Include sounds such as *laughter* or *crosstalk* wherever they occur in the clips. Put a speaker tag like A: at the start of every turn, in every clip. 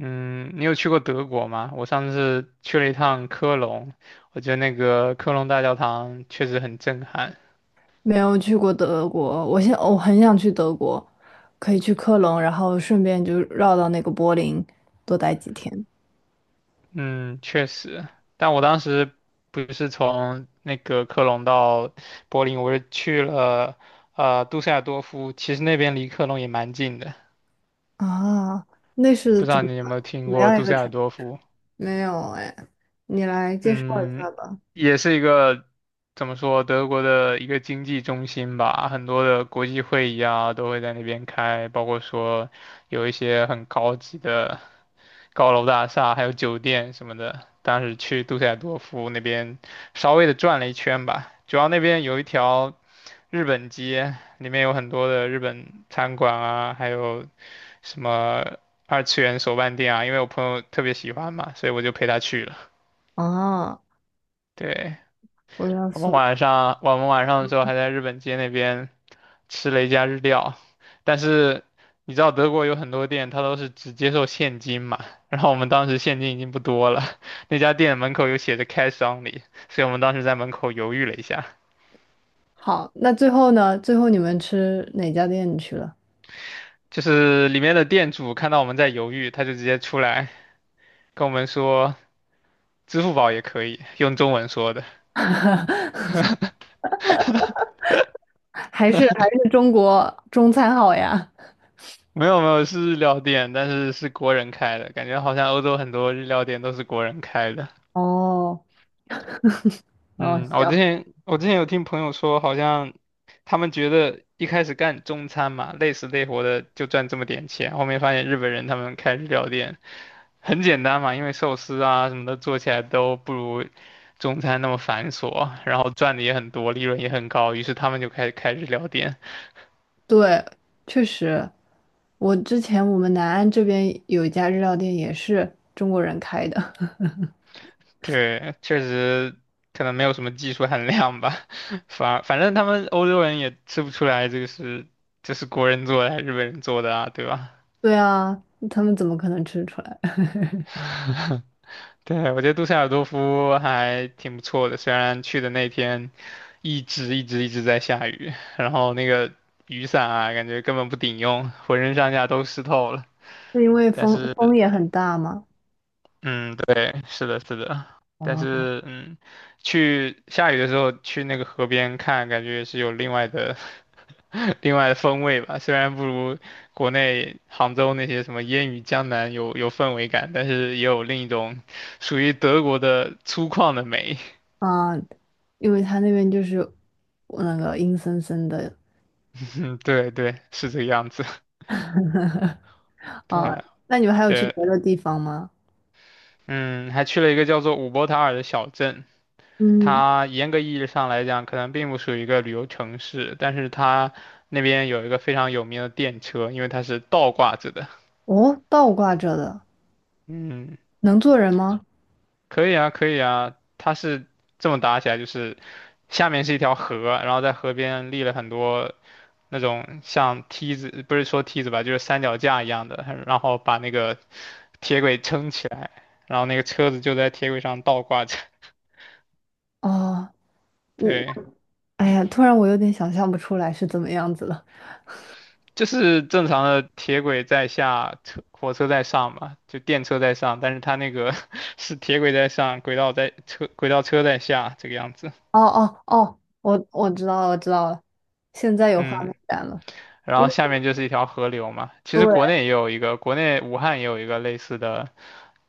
A: 嗯，你有去过德国吗？我上次去了一趟科隆，我觉得那个科隆大教堂确实很震撼。
B: 没有去过德国，我很想去德国，可以去科隆，然后顺便就绕到那个柏林多待几天
A: 嗯，确实，但我当时不是从那个科隆到柏林，我是去了杜塞尔多夫，其实那边离科隆也蛮近的，
B: 啊。那是
A: 不知
B: 怎
A: 道
B: 么
A: 你有没有听
B: 怎么
A: 过
B: 样一
A: 杜
B: 个
A: 塞尔
B: 城？
A: 多夫？
B: 没有哎，你来介绍一
A: 嗯，
B: 下吧。
A: 也是一个怎么说，德国的一个经济中心吧，很多的国际会议啊都会在那边开，包括说有一些很高级的高楼大厦，还有酒店什么的。当时去杜塞尔多夫那边稍微的转了一圈吧，主要那边有一条日本街，里面有很多的日本餐馆啊，还有什么二次元手办店啊，因为我朋友特别喜欢嘛，所以我就陪他去了。
B: 啊，
A: 对。
B: 我要
A: 我们
B: 说
A: 晚上我们晚上的时候还在日本街那边吃了一家日料，但是你知道德国有很多店，它都是只接受现金嘛，然后我们当时现金已经不多了，*laughs* 那家店门口有写着 cash only，所以我们当时在门口犹豫了一下，
B: 好，那最后呢？最后你们吃哪家店去了？
A: 就是里面的店主看到我们在犹豫，他就直接出来跟我们说支付宝也可以，用中文说的。*laughs*
B: 还是中国中餐好呀？
A: 没有没有，是日料店，但是是国人开的，感觉好像欧洲很多日料店都是国人开的。
B: 哦，哦，
A: 嗯，我之
B: 行，
A: 前我之前有听朋友说，好像他们觉得一开始干中餐嘛，累死累活的就赚这么点钱，后面发现日本人他们开日料店很简单嘛，因为寿司啊什么的做起来都不如中餐那么繁琐，然后赚的也很多，利润也很高，于是他们就开始开日料店。
B: 对，确实。我之前我们南安这边有一家日料店，也是中国人开的。*laughs*
A: 对，确实可能没有什么技术含量吧，*laughs* 反正他们欧洲人也吃不出来这个是这是国人做的还是日本人做的啊，对吧？
B: 对啊，他们怎么可能吃出来？*laughs*
A: *laughs* 对，我觉得杜塞尔多夫还挺不错的，虽然去的那天一直在下雨，然后那个雨伞啊，感觉根本不顶用，浑身上下都湿透了。
B: 是因为
A: 但
B: 风
A: 是，
B: 风也很大吗？
A: 嗯，对，是的，是的，但
B: 啊
A: 是，嗯，去下雨的时候去那个河边看，感觉也是有另外的 *laughs* 另外的风味吧。虽然不如国内杭州那些什么烟雨江南有氛围感，但是也有另一种属于德国的粗犷的美。
B: 啊，因为他那边就是那个阴森森的
A: 嗯，对对，是这个样子。*laughs*
B: 啊。
A: 对
B: 那你们还有去
A: 对，
B: 别的地方吗？
A: 嗯，还去了一个叫做伍伯塔尔的小镇，
B: 嗯，
A: 它严格意义上来讲，可能并不属于一个旅游城市，但是它那边有一个非常有名的电车，因为它是倒挂着的。
B: 哦，倒挂着的，
A: 嗯，
B: 能坐人吗？
A: 可以啊，可以啊，它是这么搭起来，就是下面是一条河，然后在河边立了很多那种像梯子，不是说梯子吧，就是三脚架一样的，然后把那个铁轨撑起来，然后那个车子就在铁轨上倒挂着。*laughs*
B: 哦，我，
A: 对，
B: 哎呀，突然我有点想象不出来是怎么样子了。
A: 就是正常的铁轨在下，火车在上嘛，就电车在上，但是它那个 *laughs* 是铁轨在上，轨道车在下这个样子。
B: 哦哦哦，我知道了，我知道了，现在有画
A: 嗯。
B: 面感了，
A: 然
B: 因
A: 后
B: 为。
A: 下面就是一条河流嘛。其实
B: 对。
A: 国内也有一个，国内武汉也有一个类似的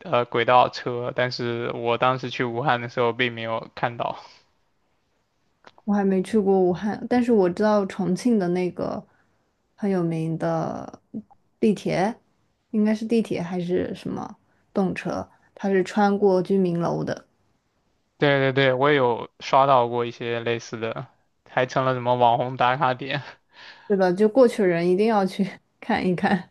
A: 轨道车，但是我当时去武汉的时候并没有看到。
B: 我还没去过武汉，但是我知道重庆的那个很有名的地铁，应该是地铁还是什么动车，它是穿过居民楼的，
A: 对对对，我也有刷到过一些类似的，还成了什么网红打卡点。
B: 对吧？就过去人一定要去 *laughs* 看一看，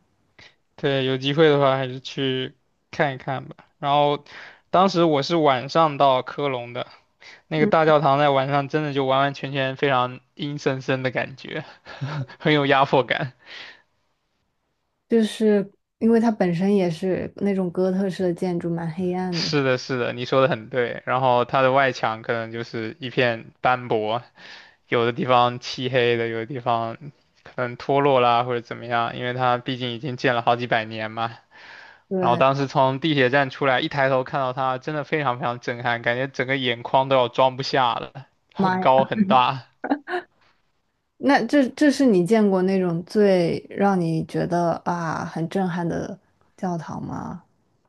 A: 对，有机会的话还是去看一看吧。然后，当时我是晚上到科隆的，那个大教堂在晚上真的就完完全全非常阴森森的感觉，*laughs* 很有压迫感。
B: 就是因为它本身也是那种哥特式的建筑，蛮黑暗的。
A: 是的，是的，你说的很对。然后它的外墙可能就是一片斑驳，有的地方漆黑的，有的地方可能脱落啦或者怎么样，因为它毕竟已经建了好几百年嘛。然后
B: 对，
A: 当时从地铁站出来，一抬头看到它，真的非常非常震撼，感觉整个眼眶都要装不下了，
B: 妈
A: 很
B: 呀，
A: 高很大。
B: 那这是你见过那种最让你觉得啊很震撼的教堂吗？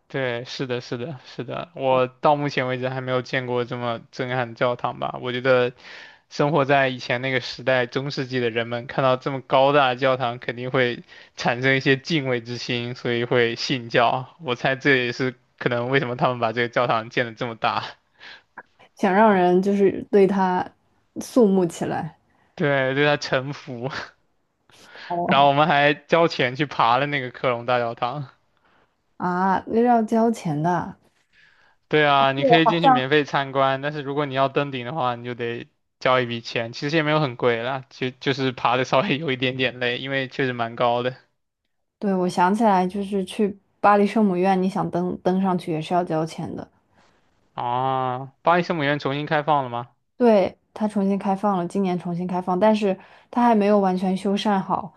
A: 对，是的，是的，是的，我到目前为止还没有见过这么震撼的教堂吧。我觉得生活在以前那个时代，中世纪的人们看到这么高大的教堂，肯定会产生一些敬畏之心，所以会信教。我猜这也是可能为什么他们把这个教堂建得这么大，
B: 想让人就是对他肃穆起来。
A: *laughs* 对，对他臣服。*laughs* 然后
B: 哦，
A: 我们还交钱去爬了那个科隆大教堂。
B: 啊，那是要交钱的。
A: 对啊，你可以进去免费参观，但是如果你要登顶的话，你就得交一笔钱，其实也没有很贵啦，就是爬的稍微有一点点累，因为确实蛮高的。
B: 对，我想起来，就是去巴黎圣母院，你想登上去也是要交钱的。
A: 啊，巴黎圣母院重新开放了吗？
B: 对，它重新开放了，今年重新开放，但是它还没有完全修缮好，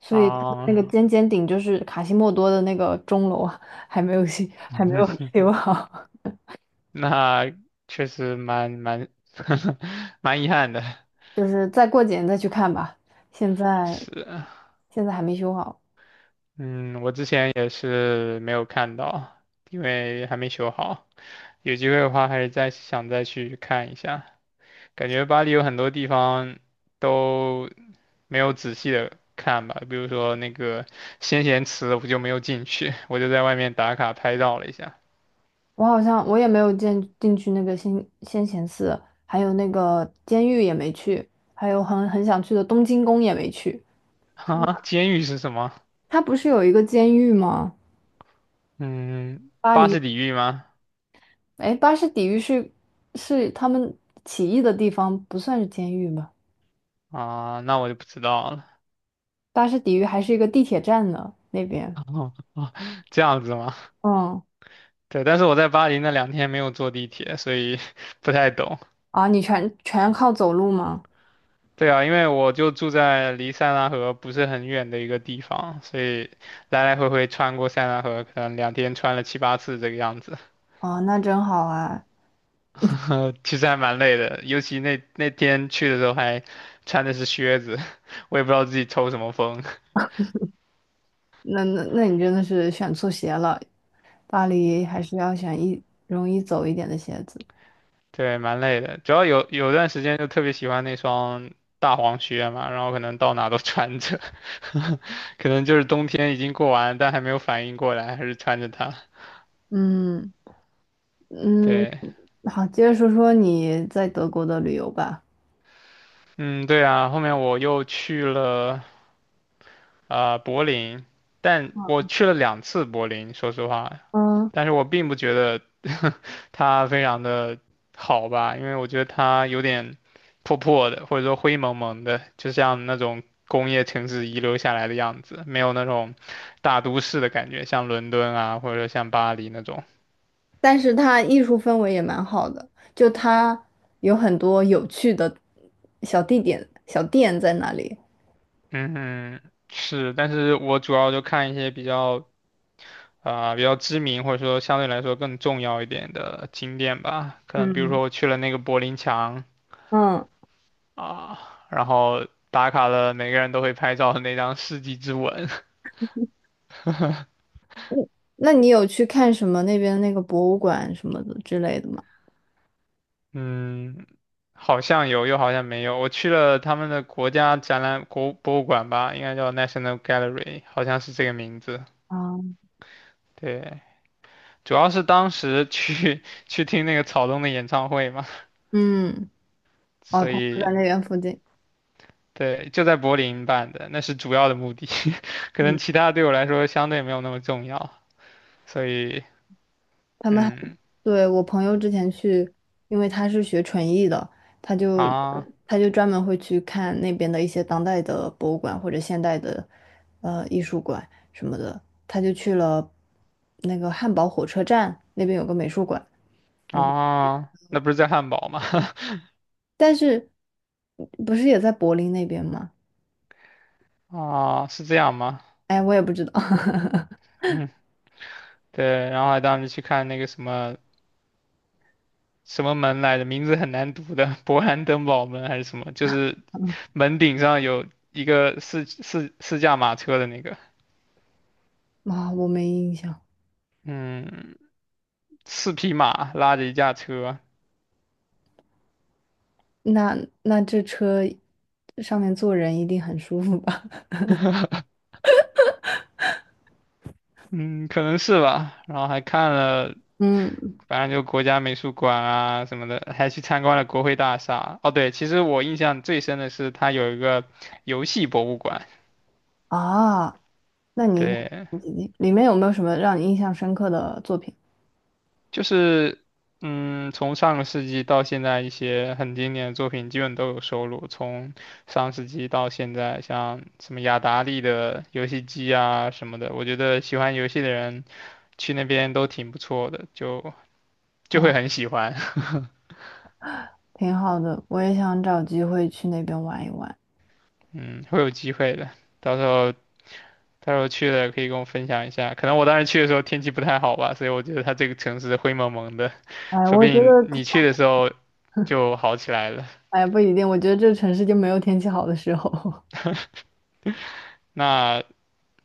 B: 所以 *laughs* 它的那
A: 啊，
B: 个尖尖顶就是卡西莫多的那个钟楼啊还没有修，还没有 *laughs* 修
A: *laughs*
B: 好，
A: 那确实*laughs* 蛮遗憾的，
B: *laughs* 就是再过几年再去看吧。现在
A: 是，
B: 现在还没修好。
A: 嗯，我之前也是没有看到，因为还没修好，有机会的话还是再想再去看一下。感觉巴黎有很多地方都没有仔细的看吧，比如说那个先贤祠，我就没有进去，我就在外面打卡拍照了一下。
B: 我好像也没有进去那个先贤寺，还有那个监狱也没去，还有很想去的东京宫也没去。
A: 啊，监狱是什么？
B: 它不是有一个监狱吗？
A: 嗯，
B: 巴
A: 巴
B: 黎，
A: 士底狱吗？
B: 哎，巴士底狱是是他们起义的地方，不算是监狱吧？
A: 啊，那我就不知道了。*laughs*
B: 巴士底狱还是一个地铁站呢，那边。
A: 哦哦，这样子吗？
B: 嗯，
A: 对，但是我在巴黎那两天没有坐地铁，所以 *laughs* 不太懂。
B: 啊，你全靠走路吗？
A: 对啊，因为我就住在离塞纳河不是很远的一个地方，所以来来回回穿过塞纳河，可能两天穿了七八次这个样子，
B: 啊，那真好啊，
A: *laughs* 其实还蛮累的。尤其那天去的时候还穿的是靴子，*laughs* 我也不知道自己抽什么风，
B: 那你真的是选错鞋了，巴黎还是要选一容易走一点的鞋子。
A: *laughs* 对，蛮累的。主要有段时间就特别喜欢那双大黄靴嘛，然后可能到哪都穿着，*laughs* 可能就是冬天已经过完，但还没有反应过来，还是穿着它。
B: 嗯。嗯，
A: 对，
B: 好，接着说说你在德国的旅游吧。
A: 嗯，对啊，后面我又去了。啊、柏林，但我去了两次柏林，说实话，
B: 嗯，
A: 但是我并不觉得 *laughs* 它非常的好吧，因为我觉得它有点破破的，或者说灰蒙蒙的，就像那种工业城市遗留下来的样子，没有那种大都市的感觉，像伦敦啊，或者说像巴黎那种。
B: 但是它艺术氛围也蛮好的，就它有很多有趣的小地点、小店在那里。
A: 嗯，是，但是我主要就看一些比较。啊、比较知名或者说相对来说更重要一点的景点吧，可能比如
B: 嗯，
A: 说我去了那个柏林墙，
B: 嗯，
A: 啊，然后打卡了，每个人都会拍照的那张世纪之吻，*laughs*
B: 那你有去看什么那边那个博物馆什么的之类的吗？
A: 嗯，好像有，又好像没有。我去了他们的国家展览国博物馆吧，应该叫 National Gallery，好像是这个名字。
B: 啊，
A: 对，主要是当时去 *laughs* 去听那个草东的演唱会嘛，
B: 嗯，哦，
A: 所
B: 它就
A: 以
B: 在那边附近。
A: 对，就在柏林办的，那是主要的目的。*laughs* 可能
B: 嗯。
A: 其他对我来说相对没有那么重要，所以
B: 他们还
A: 嗯
B: 对我朋友之前去，因为他是学纯艺的，他就
A: 啊
B: 他就专门会去看那边的一些当代的博物馆或者现代的艺术馆什么的。他就去了那个汉堡火车站那边有个美术馆，我不
A: 啊，那不是在汉堡吗？*laughs*
B: 但是不是也在柏林那边吗？
A: 啊，是这样吗？
B: 哎，我也不知道 *laughs*
A: 嗯，对，然后还当时去看那个什么什么门来着，名字很难读的，勃兰登堡门还是什么，就是门顶上有一个四驾马车的那个，
B: 啊，我没印象。
A: 嗯，四匹马拉着一架车，
B: 那那这车上面坐人一定很舒服吧？
A: 嗯，可能是吧。然后还看了，
B: 嗯
A: 反正就国家美术馆啊什么的，还去参观了国会大厦。哦，对，其实我印象最深的是它有一个游戏博物馆，
B: 啊。那你应该
A: 对。
B: 很激励里面有没有什么让你印象深刻的作品？
A: 就是，嗯，从上个世纪到现在，一些很经典的作品基本都有收录。从上世纪到现在，像什么雅达利的游戏机啊什么的，我觉得喜欢游戏的人去那边都挺不错的，就
B: 啊？
A: 会很喜欢。
B: 挺好的，我也想找机会去那边玩一玩。
A: *laughs* 嗯，会有机会的，到时候到时候去了可以跟我分享一下。可能我当时去的时候天气不太好吧，所以我觉得它这个城市灰蒙蒙的，*laughs*
B: 哎，
A: 说不
B: 我觉
A: 定
B: 得它
A: 你去的时候就好起来了。
B: *laughs*，哎，不一定，我觉得这城市就没有天气好的时候。*laughs*
A: 那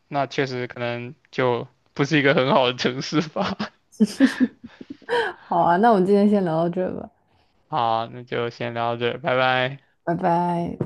A: 那确实可能就不是一个很好的城市吧。
B: 好啊，那我们今天先聊到这吧，
A: *laughs* 好，那就先聊到这儿拜拜。
B: 拜拜。